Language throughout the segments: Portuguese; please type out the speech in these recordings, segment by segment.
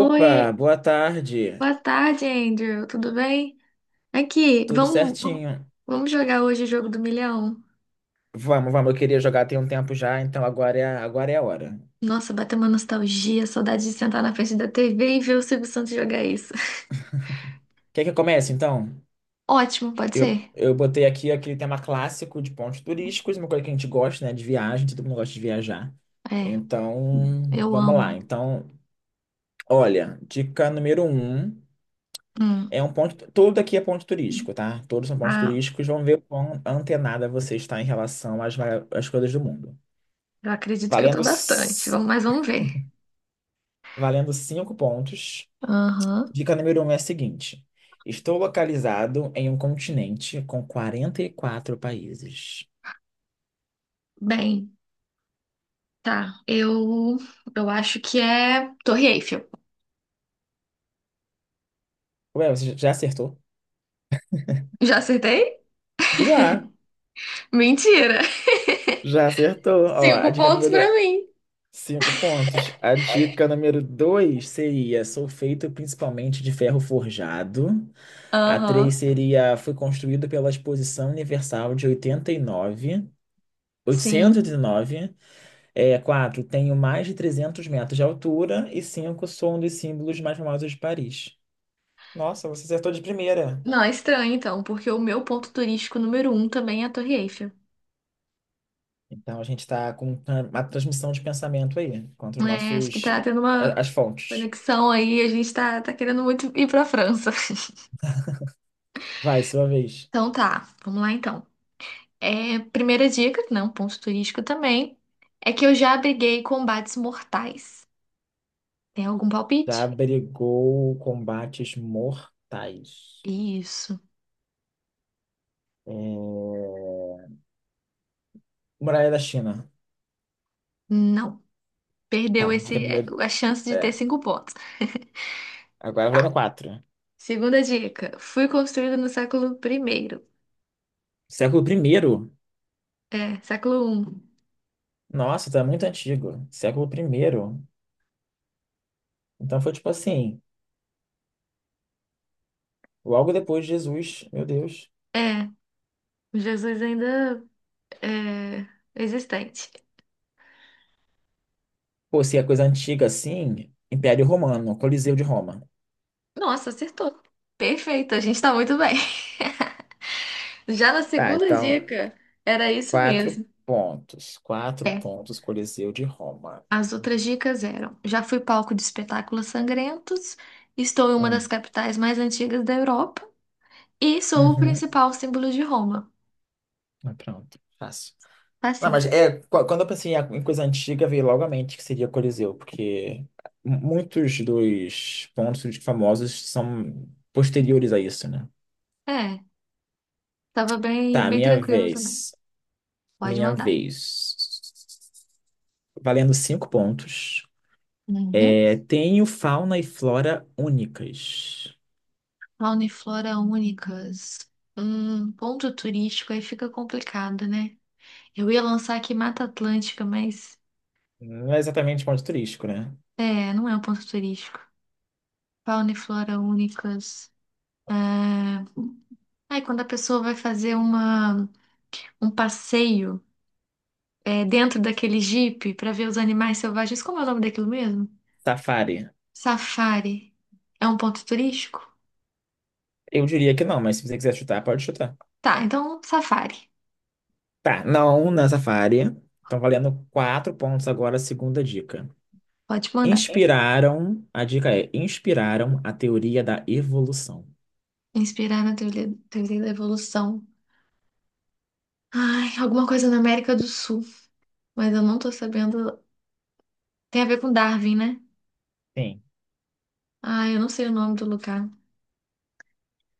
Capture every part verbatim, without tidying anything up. Oi, boa tarde. boa tarde, Andrew. Tudo bem? Aqui, Tudo vamos, certinho. vamos jogar hoje o jogo do milhão. Vamos, vamos. Eu queria jogar tem um tempo já, então agora é, a- agora é a hora. Nossa, bateu uma nostalgia, saudade de sentar na frente da T V e ver o Silvio Santos jogar isso. Quer que eu comece, então? Ótimo, pode Eu, ser? eu botei aqui aquele tema clássico de pontos turísticos, uma coisa que a gente gosta, né? De viagem, todo mundo gosta de viajar. É, Então, eu vamos lá. amo. Então, olha, dica número um Hum, é um ponto. Tudo aqui é ponto turístico, tá? Todos são pontos ah, turísticos. Vamos ver o quão antenada você está em relação às, mara- às coisas do mundo. eu acredito que eu tô Valendo, bastante. c- Vamos, mas vamos ver. valendo cinco pontos. Aham. Dica número um é a seguinte: estou localizado em um continente com quarenta e quatro países. Bem, tá. Eu, eu acho que é Torre Eiffel. Ué, você já acertou? Já acertei? Já, Mentira! já acertou. Ó, a Cinco dica pontos número pra mim. cinco pontos. A dica número dois seria: sou feito principalmente de ferro forjado. A Aham, três seria: fui construído pela Exposição Universal de oitenta e nove. sim. oitocentos e oitenta e nove. É, quatro. Tenho mais de trezentos metros de altura. E cinco, sou um dos símbolos mais famosos de Paris. Nossa, você acertou de primeira. Não, é estranho então, porque o meu ponto turístico número um também é a Torre Eiffel. Então a gente está com tra- uma transmissão de pensamento aí, contra os É, acho que nossos, tá tendo a- uma as fontes. conexão aí, a gente tá, tá querendo muito ir pra França. Vai, sua vez. Então tá, vamos lá então. É, primeira dica, né, um ponto turístico também, é que eu já abriguei combates mortais. Tem algum Já palpite? brigou combates mortais. Isso. É, Muralha da China. Não. Perdeu Tá, dica esse, é, número. a chance de ter É, cinco pontos. agora vai para quatro. Segunda dica, fui construída no século primeiro. Século primeiro. É, século um. Nossa, tá muito antigo. Século primeiro. Então foi tipo assim, logo depois de Jesus, meu Deus. É, Jesus ainda. É, existente. Pô, se é coisa antiga assim, Império Romano, Coliseu de Roma. Nossa, acertou. Perfeito, a gente tá muito bem. Já na Tá, segunda então. dica, era isso Quatro mesmo. pontos. Quatro É, pontos, Coliseu de Roma. as outras dicas eram: já fui palco de espetáculos sangrentos, estou em uma das Hum. capitais mais antigas da Europa e sou o Uhum. principal símbolo de Roma. Ah, pronto, fácil. Tá Não, mas cinco. é, qu- quando eu pensei em em coisa antiga, veio logo à mente que seria Coliseu, porque muitos dos pontos famosos são posteriores a isso, né? É, tava bem, Tá, bem minha tranquilo também. vez. Pode Minha mandar. vez. Valendo cinco pontos. Uhum. É, tenho fauna e flora únicas. Fauna e flora únicas. Hum, ponto turístico aí fica complicado, né? Eu ia lançar aqui Mata Atlântica, mas Não é exatamente ponto turístico, né? é, não é um ponto turístico. Fauna e flora únicas. Ah, Ai, quando a pessoa vai fazer uma, um passeio, é, dentro daquele jipe para ver os animais selvagens, como é o nome daquilo mesmo? Safari. Safari. É um ponto turístico? Eu diria que não, mas se você quiser chutar, pode chutar. Tá, então safari. Tá, não na área. Estão valendo quatro pontos agora, a segunda dica. Pode mandar. Inspiraram, a dica é, inspiraram a teoria da evolução. Inspirar na teoria, teoria da evolução. Ai, alguma coisa na América do Sul, mas eu não tô sabendo. Tem a ver com Darwin, né? Sim. Ai, eu não sei o nome do lugar.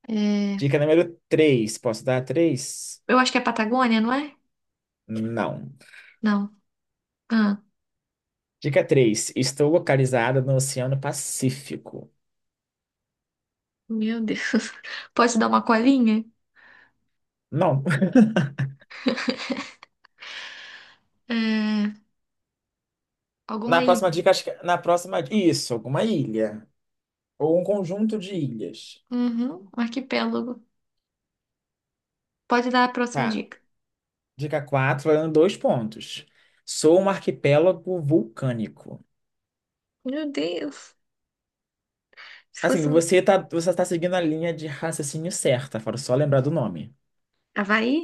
É, Dica número três, posso dar três? eu acho que é Patagônia, não é? Não. Não. Ah, Dica três, estou localizada no Oceano Pacífico. meu Deus. Pode dar uma colinha? Não. É, alguma Na ilha? próxima dica, acho que é, na próxima, isso, alguma ilha ou um conjunto de ilhas. Uhum, um arquipélago. Pode dar a próxima Tá. dica. Dica quatro, valendo dois pontos. Sou um arquipélago vulcânico. Meu Deus. Se Assim, fosse você tá, você tá seguindo a linha de raciocínio certa, fora só lembrar do nome. Havaí?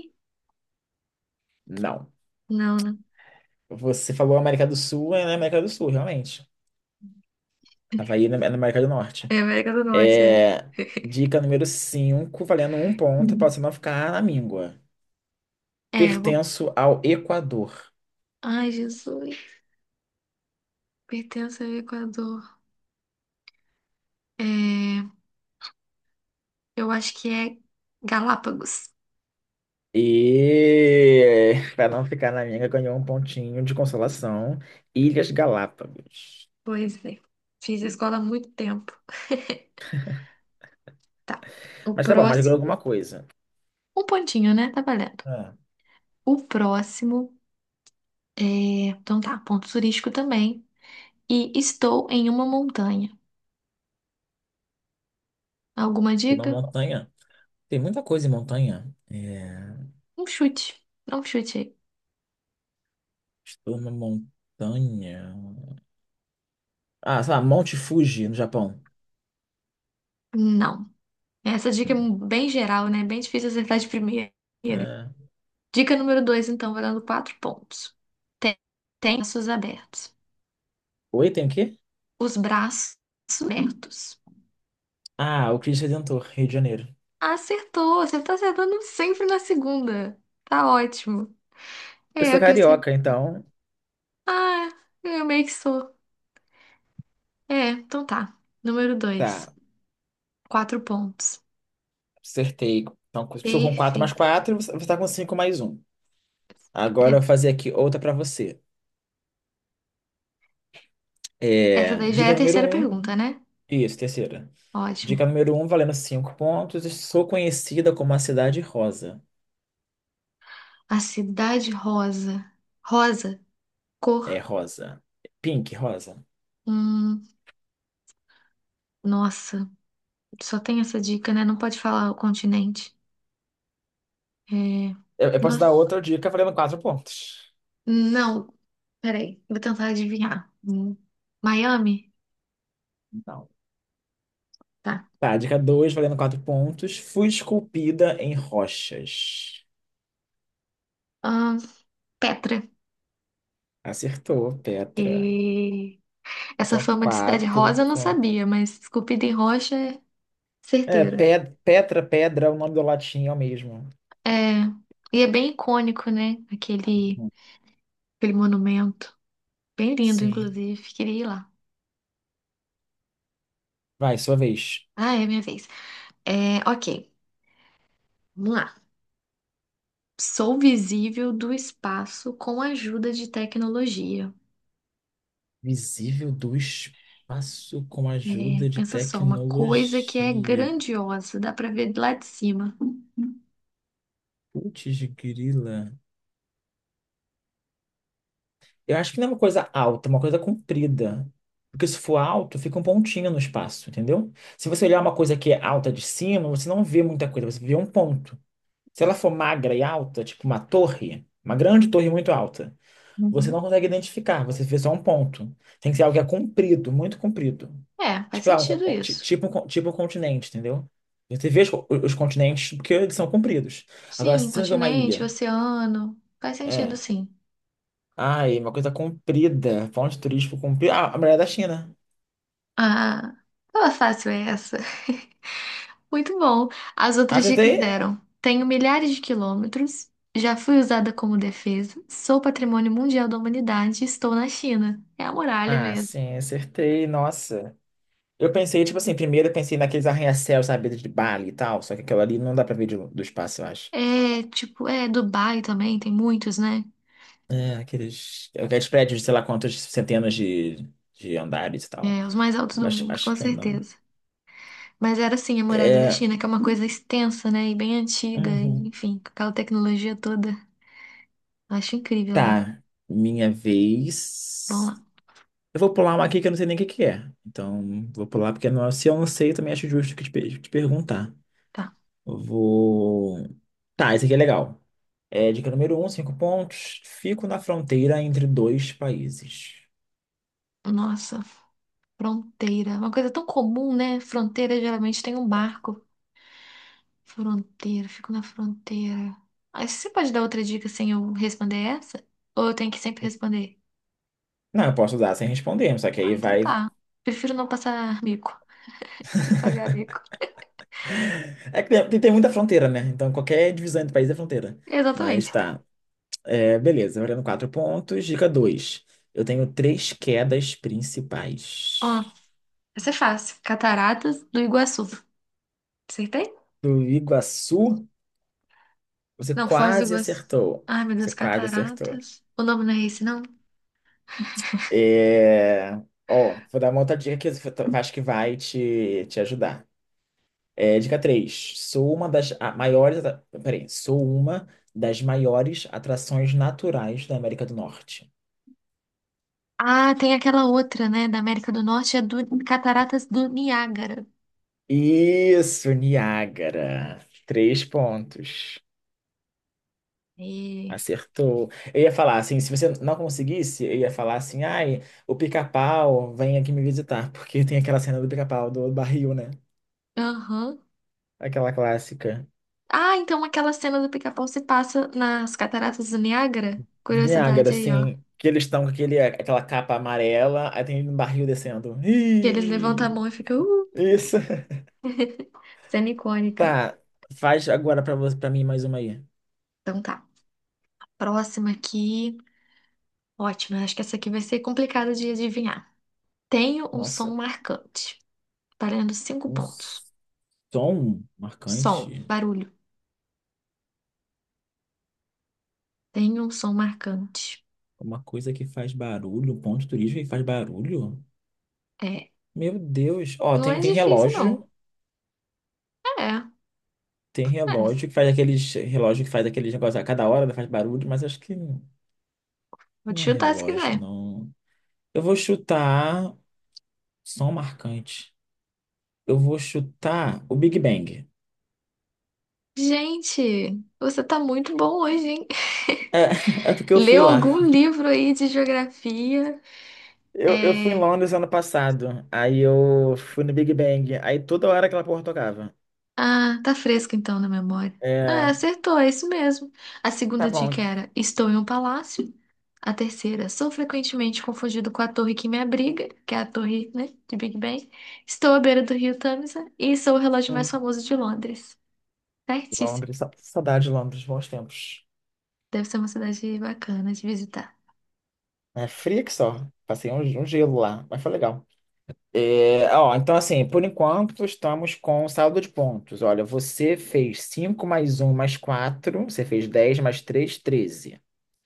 Não. Não, né? Você falou América do Sul, é na América do Sul, realmente. Havaí é na é na América do Norte. É América do Norte, é. É, dica número cinco, valendo um ponto, para você não ficar na míngua. É, eu vou... Pertenço ao Equador. Ai, Jesus. Pertence ao Equador. É, eu acho que é Galápagos. E para não ficar na míngua, ganhou um pontinho de consolação. Ilhas Galápagos. Pois é. Fiz a escola há muito tempo. Tá. O Mas tá bom, mas ganhou próximo. alguma coisa. Um pontinho, né? Tá valendo. É, O próximo é. Então tá, ponto turístico também. E estou em uma montanha. Alguma tem uma dica? montanha. Tem muita coisa em montanha. É, Um chute. Dá um chute aí. estou numa montanha. Ah, sei lá, Monte Fuji, no Japão. Não. Essa dica é Hum. bem geral, né? Bem difícil acertar de primeira. É. Dica número dois, então, valendo quatro pontos. Tem, tem braços abertos. Oi, tem o quê? Os braços abertos. Ah, o Cristo Redentor, Rio de Janeiro. Acertou! Você tá acertando sempre na segunda. Tá ótimo. Eu É, sou eu cresci. carioca, então. Ah, eu meio que sou. É, então tá. Número dois. Tá, Quatro pontos. acertei. Então, estou com quatro mais Perfeito. quatro, você está com cinco mais um. Agora É, eu vou fazer aqui outra para você. essa É, daí já é dica a número terceira um, pergunta, né? isso, terceira. Dica Ótimo. número um valendo cinco pontos. Sou conhecida como a Cidade Rosa. A cidade rosa. Rosa, cor. É rosa. Pink, rosa. Hum, nossa, só tem essa dica, né? Não pode falar o continente. É, Eu, eu posso dar nossa. outra dica valendo quatro pontos. Não, peraí. Vou tentar adivinhar. Hum, Miami? Não. Tá. Tá, dica dois valendo quatro pontos. Fui esculpida em rochas. Ahn, Petra. Acertou, Petra. E... Essa Então, fama de cidade quatro rosa eu não pontos. sabia, mas esculpida em rocha é É, certeiro. É. Pe- Petra, Pedra, é o nome do latim é o mesmo. É, e é bem icônico, né? Aquele. Uhum. Aquele monumento. Bem lindo, Sim. inclusive. Queria ir lá. Vai, sua vez. Ah, é minha vez. É, ok. Vamos lá. Sou visível do espaço com a ajuda de tecnologia. Visível do espaço com É, ajuda de pensa só, uma coisa que é tecnologia. grandiosa, dá pra ver lá de cima. Putz, grila. Eu acho que não é uma coisa alta, é uma coisa comprida. Porque se for alto, fica um pontinho no espaço, entendeu? Se você olhar uma coisa que é alta de cima, você não vê muita coisa, você vê um ponto. Se ela for magra e alta, tipo uma torre, uma grande torre muito alta, você não Uhum. consegue identificar, você vê só um ponto. Tem que ser algo que é comprido, muito comprido. É, faz Tipo, ah, um sentido con- ti- isso. tipo, um con- tipo um continente, entendeu? Você vê os, co- os continentes porque eles são compridos. Agora, Sim, se você vê uma continente, ilha, oceano. Faz sentido, é. sim. Ai, uma coisa comprida. Ponto turístico comprido. Ah, a muralha da China. Ah, tava fácil essa. Muito bom. As outras dicas Acertei? eram: tenho milhares de quilômetros, já fui usada como defesa, sou patrimônio mundial da humanidade, e estou na China. É a muralha Ah, mesmo. sim, acertei. Nossa. Eu pensei, tipo assim, primeiro eu pensei naqueles arranha-céus, sabe, de Bali e tal. Só que aquilo ali não dá pra ver de- do espaço, eu acho. É, tipo, é Dubai também, tem muitos, né? É, aqueles, aqueles prédios de sei lá quantas centenas de, de andares e tal. É, os mais altos Eu do Acho, mundo, acho com que não. certeza. Mas era assim, a muralha da É. China, que é uma coisa extensa, né? E bem antiga, e, Uhum. enfim, com aquela tecnologia toda. Acho incrível lá. Tá. Minha Vamos vez. lá. Eu vou pular uma aqui que eu não sei nem o que que é. Então, vou pular porque não, se eu não sei, eu também acho justo que te, pe- te perguntar. Tá. Eu vou. Tá, esse aqui é legal. É, dica número um, cinco pontos. Fico na fronteira entre dois países. Nossa, fronteira. Uma coisa tão comum, né? Fronteira geralmente tem um barco. Fronteira, fico na fronteira. Aí você pode dar outra dica sem eu responder essa? Ou eu tenho que sempre responder? Não, eu posso dar sem responder, só que Ah, aí então vai. tá. Prefiro não passar mico. Não pagar mico. É que tem, tem muita fronteira, né? Então qualquer divisão entre países é fronteira. Mas Exatamente. tá. É, beleza, valendo quatro pontos. Dica dois. Eu tenho três quedas Ó, principais. essa é fácil. Cataratas do Iguaçu. Acertei? Do Iguaçu, você Não, Foz do quase Iguaçu. acertou. Ai, meu Você Deus, quase acertou. cataratas. O nome não é esse, não? É... Ó, vou dar uma outra dica que eu acho que vai te, te ajudar. É, dica três. Sou uma das a- maiores. atra- Peraí. Sou uma das maiores atrações naturais da América do Norte. Ah, tem aquela outra, né? Da América do Norte, é do Cataratas do Niágara. Isso, Niágara. Três pontos. E... Acertou. Eu ia falar assim, se você não conseguisse, eu ia falar assim, ai, o pica-pau vem aqui me visitar, porque tem aquela cena do pica-pau do barril, né? Aham. Aquela clássica. Ah, então aquela cena do Pica-Pau se passa nas Cataratas do Niágara? Do Niágara, Curiosidade aí, ó. assim, que eles estão com aquele, aquela capa amarela, aí tem um barril descendo. Que eles levantam a Ih, mão e ficam, uh, isso. cena icônica. Tá, faz agora pra você, para mim mais uma aí. Então tá. Próxima aqui. Ótima, acho que essa aqui vai ser complicada de adivinhar. Tenho um som Nossa, marcante, valendo cinco um pontos. som Som, marcante, barulho. Tenho um som marcante. uma coisa que faz barulho, um ponto turístico que faz barulho. É, Meu Deus. Ó, não tem é tem difícil, relógio, não. É, tem é. relógio que faz aqueles relógio que faz aqueles negócios a cada hora faz barulho, mas acho que Vou te não é chutar se relógio, quiser. não. Eu vou chutar som marcante. Eu vou chutar o Big Bang. Gente, você tá muito bom hoje, hein? É, é porque eu fui Leu lá. algum livro aí de geografia? Eu, eu fui em É... Londres ano passado, aí eu fui no Big Bang, aí toda hora aquela porra tocava. Ah, tá fresco então na memória. Ah, É, acertou, é isso mesmo. A tá segunda dica bom. era: estou em um palácio. A terceira, sou frequentemente confundido com a torre que me abriga, que é a torre, né, de Big Ben. Estou à beira do rio Tâmisa e sou o relógio mais Hum, famoso de Londres. Certíssimo. Londres, sa- saudade de Londres, bons tempos. Deve ser uma cidade bacana de visitar. É fria que só, passei um, um gelo lá, mas foi legal. É, ó, então assim, por enquanto estamos com saldo de pontos. Olha, você fez cinco mais um mais quatro, você fez dez mais três treze.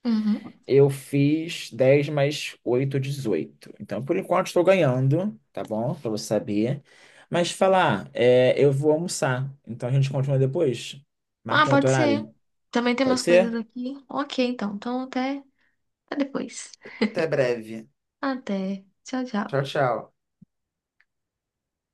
Uhum. Eu fiz dez mais oito dezoito. Então, por enquanto, estou ganhando, tá bom? Pra você saber. Mas falar, é, eu vou almoçar. Então, a gente continua depois. Ah, Marca um outro pode ser. horário. Também tem Pode umas coisas ser? aqui. Ok, então. Então até, até depois. Até breve. Até. Tchau, Tchau, tchau. tchau.